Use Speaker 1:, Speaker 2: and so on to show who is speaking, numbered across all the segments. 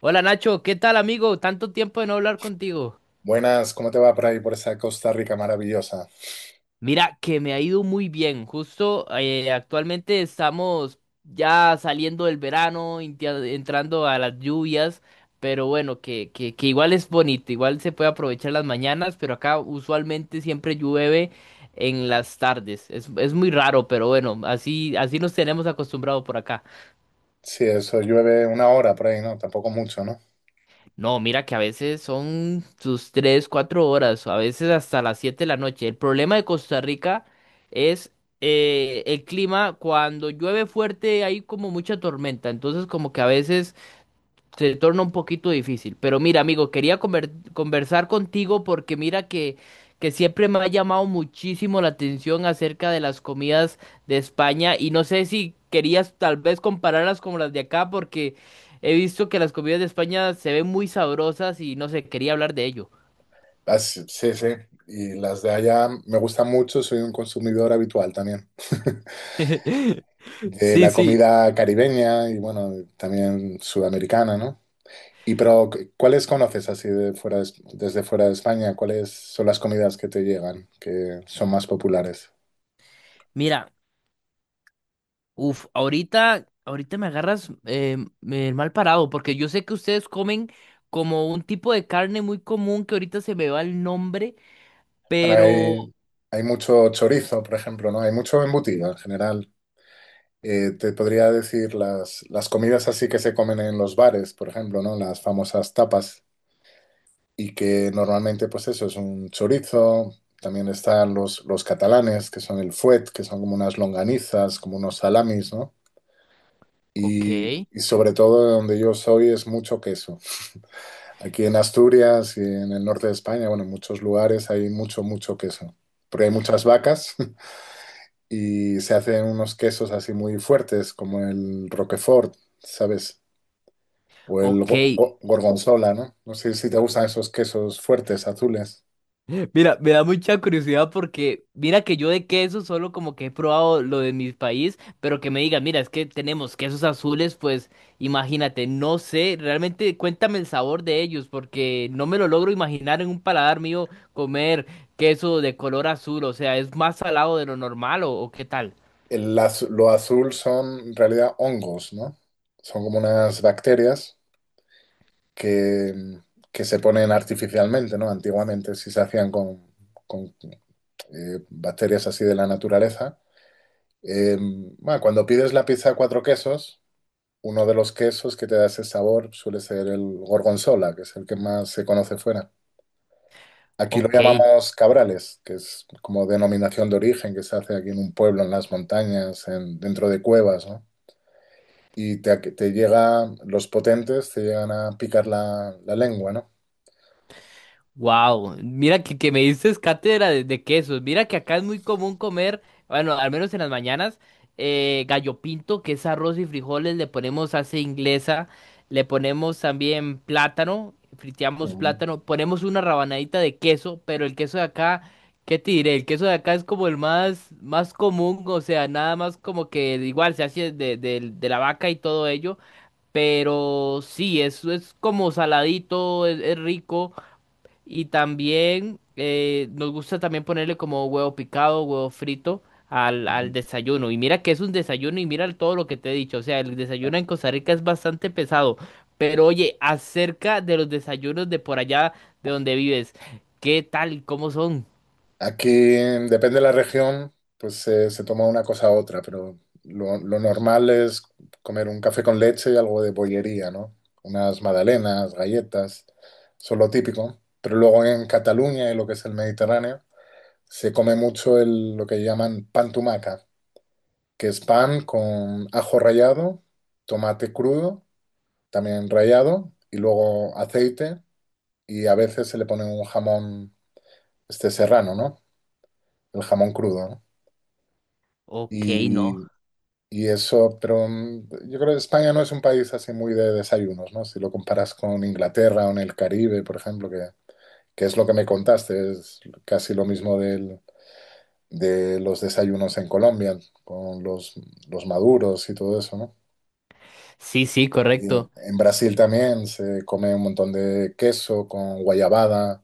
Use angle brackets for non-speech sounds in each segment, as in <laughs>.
Speaker 1: Hola Nacho, ¿qué tal amigo? Tanto tiempo de no hablar contigo.
Speaker 2: Buenas, ¿cómo te va por ahí, por esa Costa Rica maravillosa?
Speaker 1: Mira, que me ha ido muy bien. Justo actualmente estamos ya saliendo del verano, entrando a las lluvias, pero bueno, que igual es bonito, igual se puede aprovechar las mañanas, pero acá usualmente siempre llueve en las tardes. Es muy raro, pero bueno, así nos tenemos acostumbrados por acá.
Speaker 2: Sí, eso llueve una hora por ahí, ¿no? Tampoco mucho, ¿no?
Speaker 1: No, mira que a veces son sus 3, 4 horas, a veces hasta las 7 de la noche. El problema de Costa Rica es el clima, cuando llueve fuerte hay como mucha tormenta, entonces como que a veces se torna un poquito difícil. Pero mira, amigo, quería conversar contigo porque mira que siempre me ha llamado muchísimo la atención acerca de las comidas de España y no sé si querías tal vez compararlas con las de acá porque he visto que las comidas de España se ven muy sabrosas y no sé, quería hablar de ello.
Speaker 2: Ah, sí, sí, sí. Y las de allá me gustan mucho, soy un consumidor habitual también. <laughs>
Speaker 1: <laughs>
Speaker 2: De
Speaker 1: Sí,
Speaker 2: la
Speaker 1: sí.
Speaker 2: comida caribeña y bueno, también sudamericana, ¿no? Y pero, ¿cuáles conoces así de fuera de- Es- desde fuera de España? ¿Cuáles son las comidas que te llegan, que son más populares?
Speaker 1: Mira. Uf, ahorita me agarras mal parado, porque yo sé que ustedes comen como un tipo de carne muy común que ahorita se me va el nombre,
Speaker 2: Bueno,
Speaker 1: pero...
Speaker 2: hay mucho chorizo, por ejemplo, ¿no? Hay mucho embutido en general. Te podría decir las comidas así que se comen en los bares, por ejemplo, ¿no? Las famosas tapas y que normalmente pues eso es un chorizo, también están los catalanes que son el fuet, que son como unas longanizas, como unos salamis, ¿no? Y,
Speaker 1: Ok,
Speaker 2: y sobre todo de donde yo soy es mucho queso. Aquí en Asturias y en el norte de España, bueno, en muchos lugares hay mucho, mucho queso. Porque hay muchas vacas <laughs> y se hacen unos quesos así muy fuertes, como el Roquefort, ¿sabes? O el
Speaker 1: ok.
Speaker 2: gorgonzola, ¿no? No sé si te gustan esos quesos fuertes, azules.
Speaker 1: Mira, me da mucha curiosidad porque mira que yo de queso solo como que he probado lo de mi país, pero que me digan, mira, es que tenemos quesos azules, pues imagínate, no sé, realmente cuéntame el sabor de ellos porque no me lo logro imaginar en un paladar mío comer queso de color azul, o sea, es más salado de lo normal o qué tal.
Speaker 2: Lo azul son en realidad hongos, ¿no? Son como unas bacterias que, que se ponen artificialmente, ¿no? Antiguamente sí se hacían con bacterias así de la naturaleza. Eh, bueno, cuando pides la pizza a cuatro quesos, uno de los quesos que te da ese sabor suele ser el gorgonzola, que es el que más se conoce fuera. Aquí lo
Speaker 1: Ok.
Speaker 2: llamamos cabrales, que es como denominación de origen que se hace aquí en un pueblo, en las montañas, dentro de cuevas, ¿no? Y te llega, los potentes te llegan a picar la lengua, ¿no?
Speaker 1: Wow, mira que me dices cátedra de quesos. Mira que acá es muy común comer, bueno, al menos en las mañanas, gallo pinto, que es arroz y frijoles, le ponemos salsa inglesa, le ponemos también plátano, friteamos
Speaker 2: Ujú,
Speaker 1: plátano, ponemos una rabanadita de queso, pero el queso de acá, ¿qué te diré? El queso de acá es como el más común, o sea, nada más como que igual se hace de, de la vaca y todo ello, pero sí, es como saladito, es rico. Y también nos gusta también ponerle como huevo picado, huevo frito al
Speaker 2: ujú.
Speaker 1: desayuno. Y mira que es un desayuno y mira todo lo que te he dicho. O sea, el desayuno en Costa Rica es bastante pesado. Pero oye, acerca de los desayunos de por allá de donde vives, ¿qué tal? ¿Cómo son?
Speaker 2: Aquí, depende de la región, pues se toma una cosa u otra, pero lo normal es comer un café con leche y algo de bollería, ¿no? Unas magdalenas, galletas, eso es lo típico. Pero luego en Cataluña y lo que es el Mediterráneo, se come mucho lo que llaman pan tumaca, que es pan con ajo rallado, tomate crudo, también rallado, y luego aceite, y a veces se le pone un jamón este serrano, ¿no? El jamón crudo, ¿no?
Speaker 1: Ok, no.
Speaker 2: Y, y eso, pero yo creo que España no es un país así muy de desayunos, ¿no? Si lo comparas con Inglaterra o en el Caribe, por ejemplo, que es lo que me contaste, es casi lo mismo del de los desayunos en Colombia, con los maduros y todo eso, ¿no?
Speaker 1: Sí, sí,
Speaker 2: Y
Speaker 1: correcto.
Speaker 2: en Brasil también se come un montón de queso con guayabada,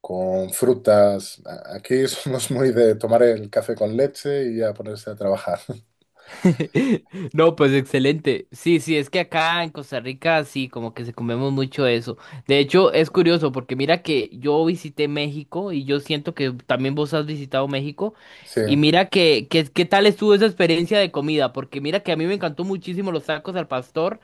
Speaker 2: con frutas. Aquí <laughs> somos muy de tomar el café con leche y a ponerse a trabajar. <laughs>
Speaker 1: <laughs> No, pues excelente. Sí, sí, es que acá en Costa Rica sí, como que se comemos mucho eso. De hecho, es curioso porque mira que yo visité México y yo siento que también vos has visitado México
Speaker 2: Sí,
Speaker 1: y mira que qué tal estuvo esa experiencia de comida, porque mira que a mí me encantó muchísimo los tacos al pastor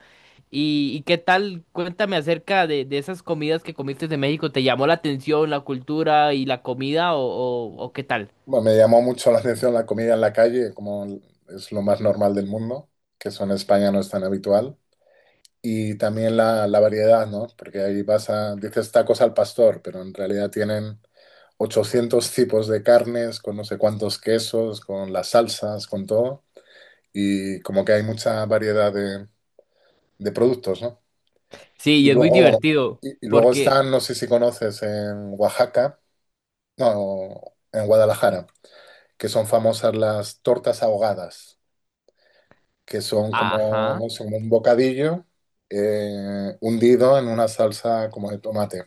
Speaker 1: y qué tal, cuéntame acerca de esas comidas que comiste de México, ¿te llamó la atención la cultura y la comida o, o qué tal?
Speaker 2: bueno, me llamó mucho la atención la comida en la calle, como es lo más normal del mundo, que eso en España no es tan habitual. Y también la variedad, ¿no? Porque ahí vas dices tacos al pastor, pero en realidad tienen 800 tipos de carnes, con no sé cuántos quesos, con las salsas, con todo. Y como que hay mucha variedad de productos, ¿no?
Speaker 1: Sí,
Speaker 2: Y
Speaker 1: y es muy
Speaker 2: luego,
Speaker 1: divertido
Speaker 2: y luego
Speaker 1: porque,
Speaker 2: están, no sé si conoces, en Oaxaca, no, en Guadalajara, que son famosas las tortas ahogadas, que son como,
Speaker 1: ajá.
Speaker 2: no sé, como un bocadillo hundido en una salsa como de tomate.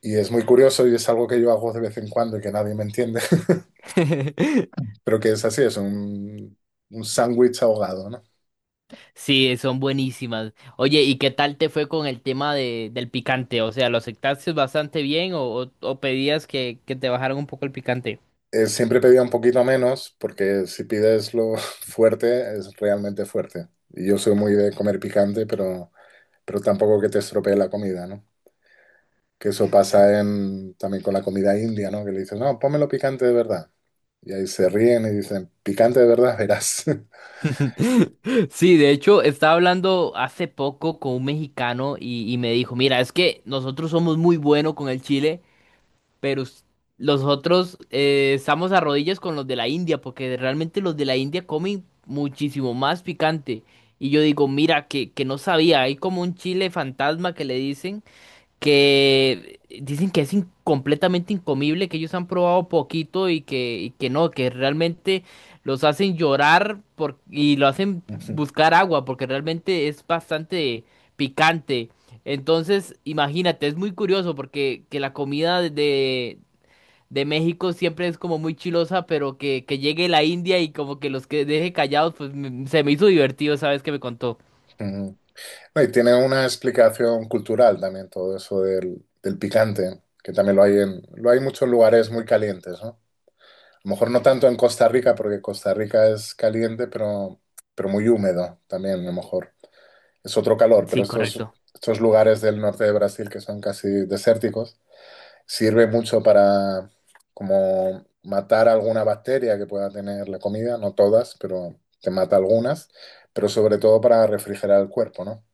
Speaker 2: Y es muy curioso y es algo que yo hago de vez en cuando y que nadie me entiende.
Speaker 1: <laughs>
Speaker 2: Pero que es así, es un sándwich ahogado, ¿no?
Speaker 1: Sí, son buenísimas. Oye, ¿y qué tal te fue con el tema de, del picante? O sea, ¿lo aceptaste bastante bien o, o pedías que te bajaran un poco el picante?
Speaker 2: Siempre pedía un poquito menos porque si pides lo <laughs> fuerte es realmente fuerte. Y yo soy muy de comer picante, pero tampoco que te estropee la comida, ¿no? Que eso pasa también con la comida india, ¿no? Que le dices, no, pónmelo picante de verdad. Y ahí se ríen y dicen, picante de verdad, verás. <laughs>
Speaker 1: <laughs> Sí, de hecho, estaba hablando hace poco con un mexicano y me dijo, mira, es que nosotros somos muy buenos con el chile. Pero los otros estamos a rodillas con los de la India, porque realmente los de la India comen muchísimo más picante. Y yo digo, mira, que no sabía, hay como un chile fantasma que le dicen que es completamente incomible, que ellos han probado poquito y que no, que realmente los hacen llorar y lo hacen
Speaker 2: Ujú.
Speaker 1: buscar agua, porque realmente es bastante picante. Entonces, imagínate, es muy curioso porque que la comida de México siempre es como muy chilosa, pero que llegue la India y como que los que deje callados, pues se me hizo divertido, ¿sabes que me contó?
Speaker 2: No, y tiene una explicación cultural también todo eso del picante, que también lo hay lo hay en muchos lugares muy calientes, ¿no? A lo mejor no tanto en Costa Rica, porque Costa Rica es caliente, pero muy húmedo también, a lo mejor. Es otro calor, pero
Speaker 1: Sí,
Speaker 2: estos,
Speaker 1: correcto.
Speaker 2: estos lugares del norte de Brasil que son casi desérticos, sirve mucho para como matar alguna bacteria que pueda tener la comida, no todas, pero te mata algunas, pero sobre todo para refrigerar el cuerpo, ¿no?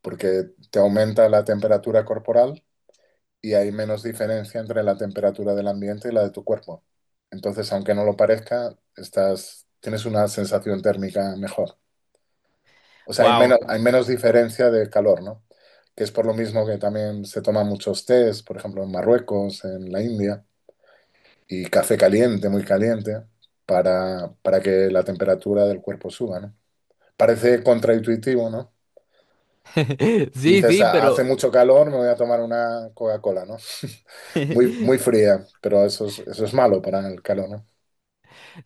Speaker 2: Porque te aumenta la temperatura corporal y hay menos diferencia entre la temperatura del ambiente y la de tu cuerpo. Entonces, aunque no lo parezca, tienes una sensación térmica mejor. O sea, hay menos,
Speaker 1: Wow.
Speaker 2: hay menos diferencia de calor, ¿no? Que es por lo mismo que también se toman muchos tés, por ejemplo, en Marruecos, en la India, y café caliente, muy caliente, para que la temperatura del cuerpo suba, ¿no? Parece contraintuitivo, ¿no?
Speaker 1: <laughs>
Speaker 2: Y
Speaker 1: Sí,
Speaker 2: dices,
Speaker 1: sí,
Speaker 2: "Ah,
Speaker 1: pero
Speaker 2: hace mucho calor, me voy a tomar una Coca-Cola, ¿no? Muy, muy
Speaker 1: <laughs>
Speaker 2: fría, pero eso es malo para el calor, ¿no?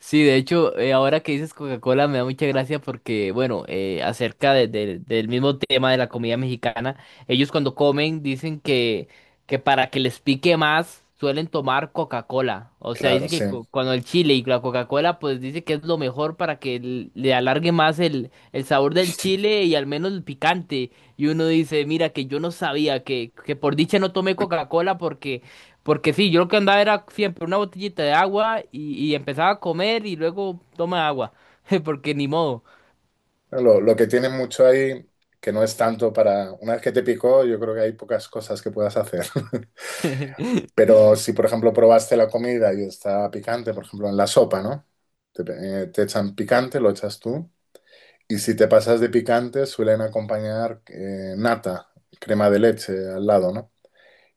Speaker 1: Sí, de hecho, ahora que dices Coca-Cola me da mucha gracia porque, bueno, acerca del mismo tema de la comida mexicana, ellos cuando comen dicen que para que les pique más suelen tomar Coca-Cola. O sea,
Speaker 2: Claro,
Speaker 1: dice
Speaker 2: sí.
Speaker 1: que cuando el chile y la Coca-Cola, pues dice que es lo mejor para que le alargue más el sabor del chile y al menos el picante. Y uno dice, mira, que, yo no sabía que por dicha no tomé Coca-Cola porque... Porque sí, yo lo que andaba era siempre una botellita de agua y empezaba a comer y luego toma agua. <laughs> Porque ni modo.
Speaker 2: Lo que tiene mucho ahí, que no es tanto. Una vez que te picó, yo creo que hay pocas cosas que puedas hacer. <laughs>
Speaker 1: <laughs>
Speaker 2: Pero si, por ejemplo, probaste la comida y está picante, por ejemplo, en la sopa, ¿no? Te, te echan picante, lo echas tú. Y si te pasas de picante, suelen acompañar nata, crema de leche al lado, ¿no?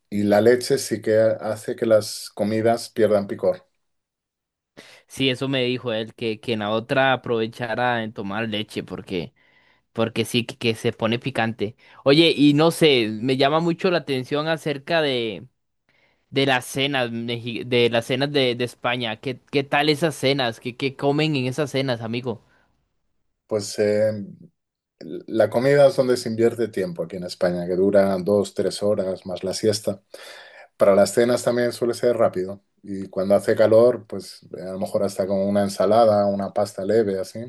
Speaker 2: Y la leche sí que hace que las comidas pierdan picor.
Speaker 1: Sí, eso me dijo él, que en la otra aprovechara en tomar leche, porque, porque sí, que se pone picante. Oye, y no sé, me llama mucho la atención acerca de las cenas, de las cenas de España. ¿Qué tal esas cenas? ¿Qué comen en esas cenas, amigo?
Speaker 2: Pues la comida es donde se invierte tiempo aquí en España, que dura 2, 3 horas más la siesta. Para las cenas también suele ser rápido y cuando hace calor, pues a lo mejor hasta con una ensalada, una pasta leve, así.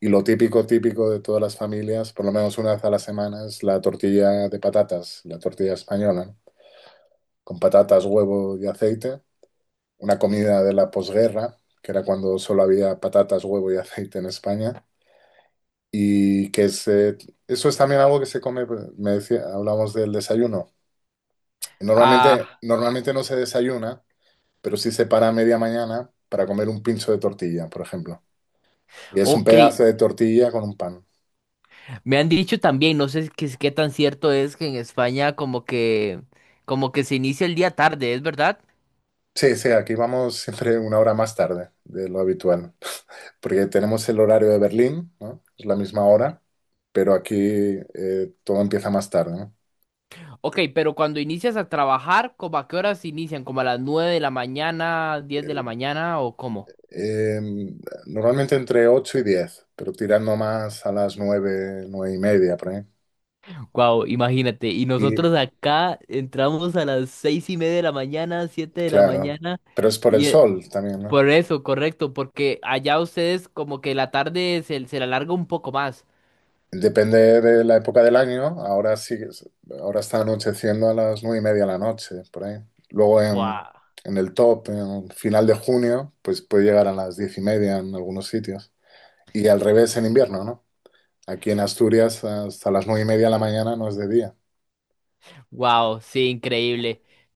Speaker 2: Y lo típico, típico de todas las familias, por lo menos una vez a la semana, es la tortilla de patatas, la tortilla española, ¿no? Con patatas, huevo y aceite. Una comida de la posguerra, que era cuando solo había patatas, huevo y aceite en España y eso es también algo que se come, pues, me decía, hablamos del desayuno. Normalmente,
Speaker 1: Ah,
Speaker 2: normalmente no se desayuna, pero sí se para a media mañana para comer un pincho de tortilla, por ejemplo. Y es un
Speaker 1: ok.
Speaker 2: pedazo de tortilla con un pan.
Speaker 1: Me han dicho también, no sé qué, qué tan cierto es que en España como que se inicia el día tarde, ¿es verdad?
Speaker 2: Sí, sí, aquí vamos siempre una hora más tarde de lo habitual, porque tenemos el horario de Berlín, ¿no? Es la misma hora, pero aquí todo empieza más tarde, ¿no?
Speaker 1: Ok, pero cuando inicias a trabajar, ¿como a qué horas inician? ¿Como a las 9 de la mañana, 10 de la mañana o cómo?
Speaker 2: Eh, Normalmente entre 8 y 10 pero tirando más a las 9, 9:30, por ahí.
Speaker 1: Wow, imagínate. Y
Speaker 2: Y
Speaker 1: nosotros acá entramos a las 6:30 de la mañana, siete de la
Speaker 2: claro,
Speaker 1: mañana.
Speaker 2: pero es por el
Speaker 1: Y
Speaker 2: sol también, ¿no?
Speaker 1: por eso, correcto, porque allá ustedes como que la tarde se, se la alarga un poco más.
Speaker 2: Depende de la época del año. Ahora sí, ahora está anocheciendo a las 9:30 de la noche, por ahí. Luego
Speaker 1: Wow,
Speaker 2: en el top, en final de junio, pues puede llegar a las 10:30 en algunos sitios. Y al revés en invierno, ¿no? Aquí en Asturias hasta las 9:30 de la mañana no es de día.
Speaker 1: wow, sí, increíble.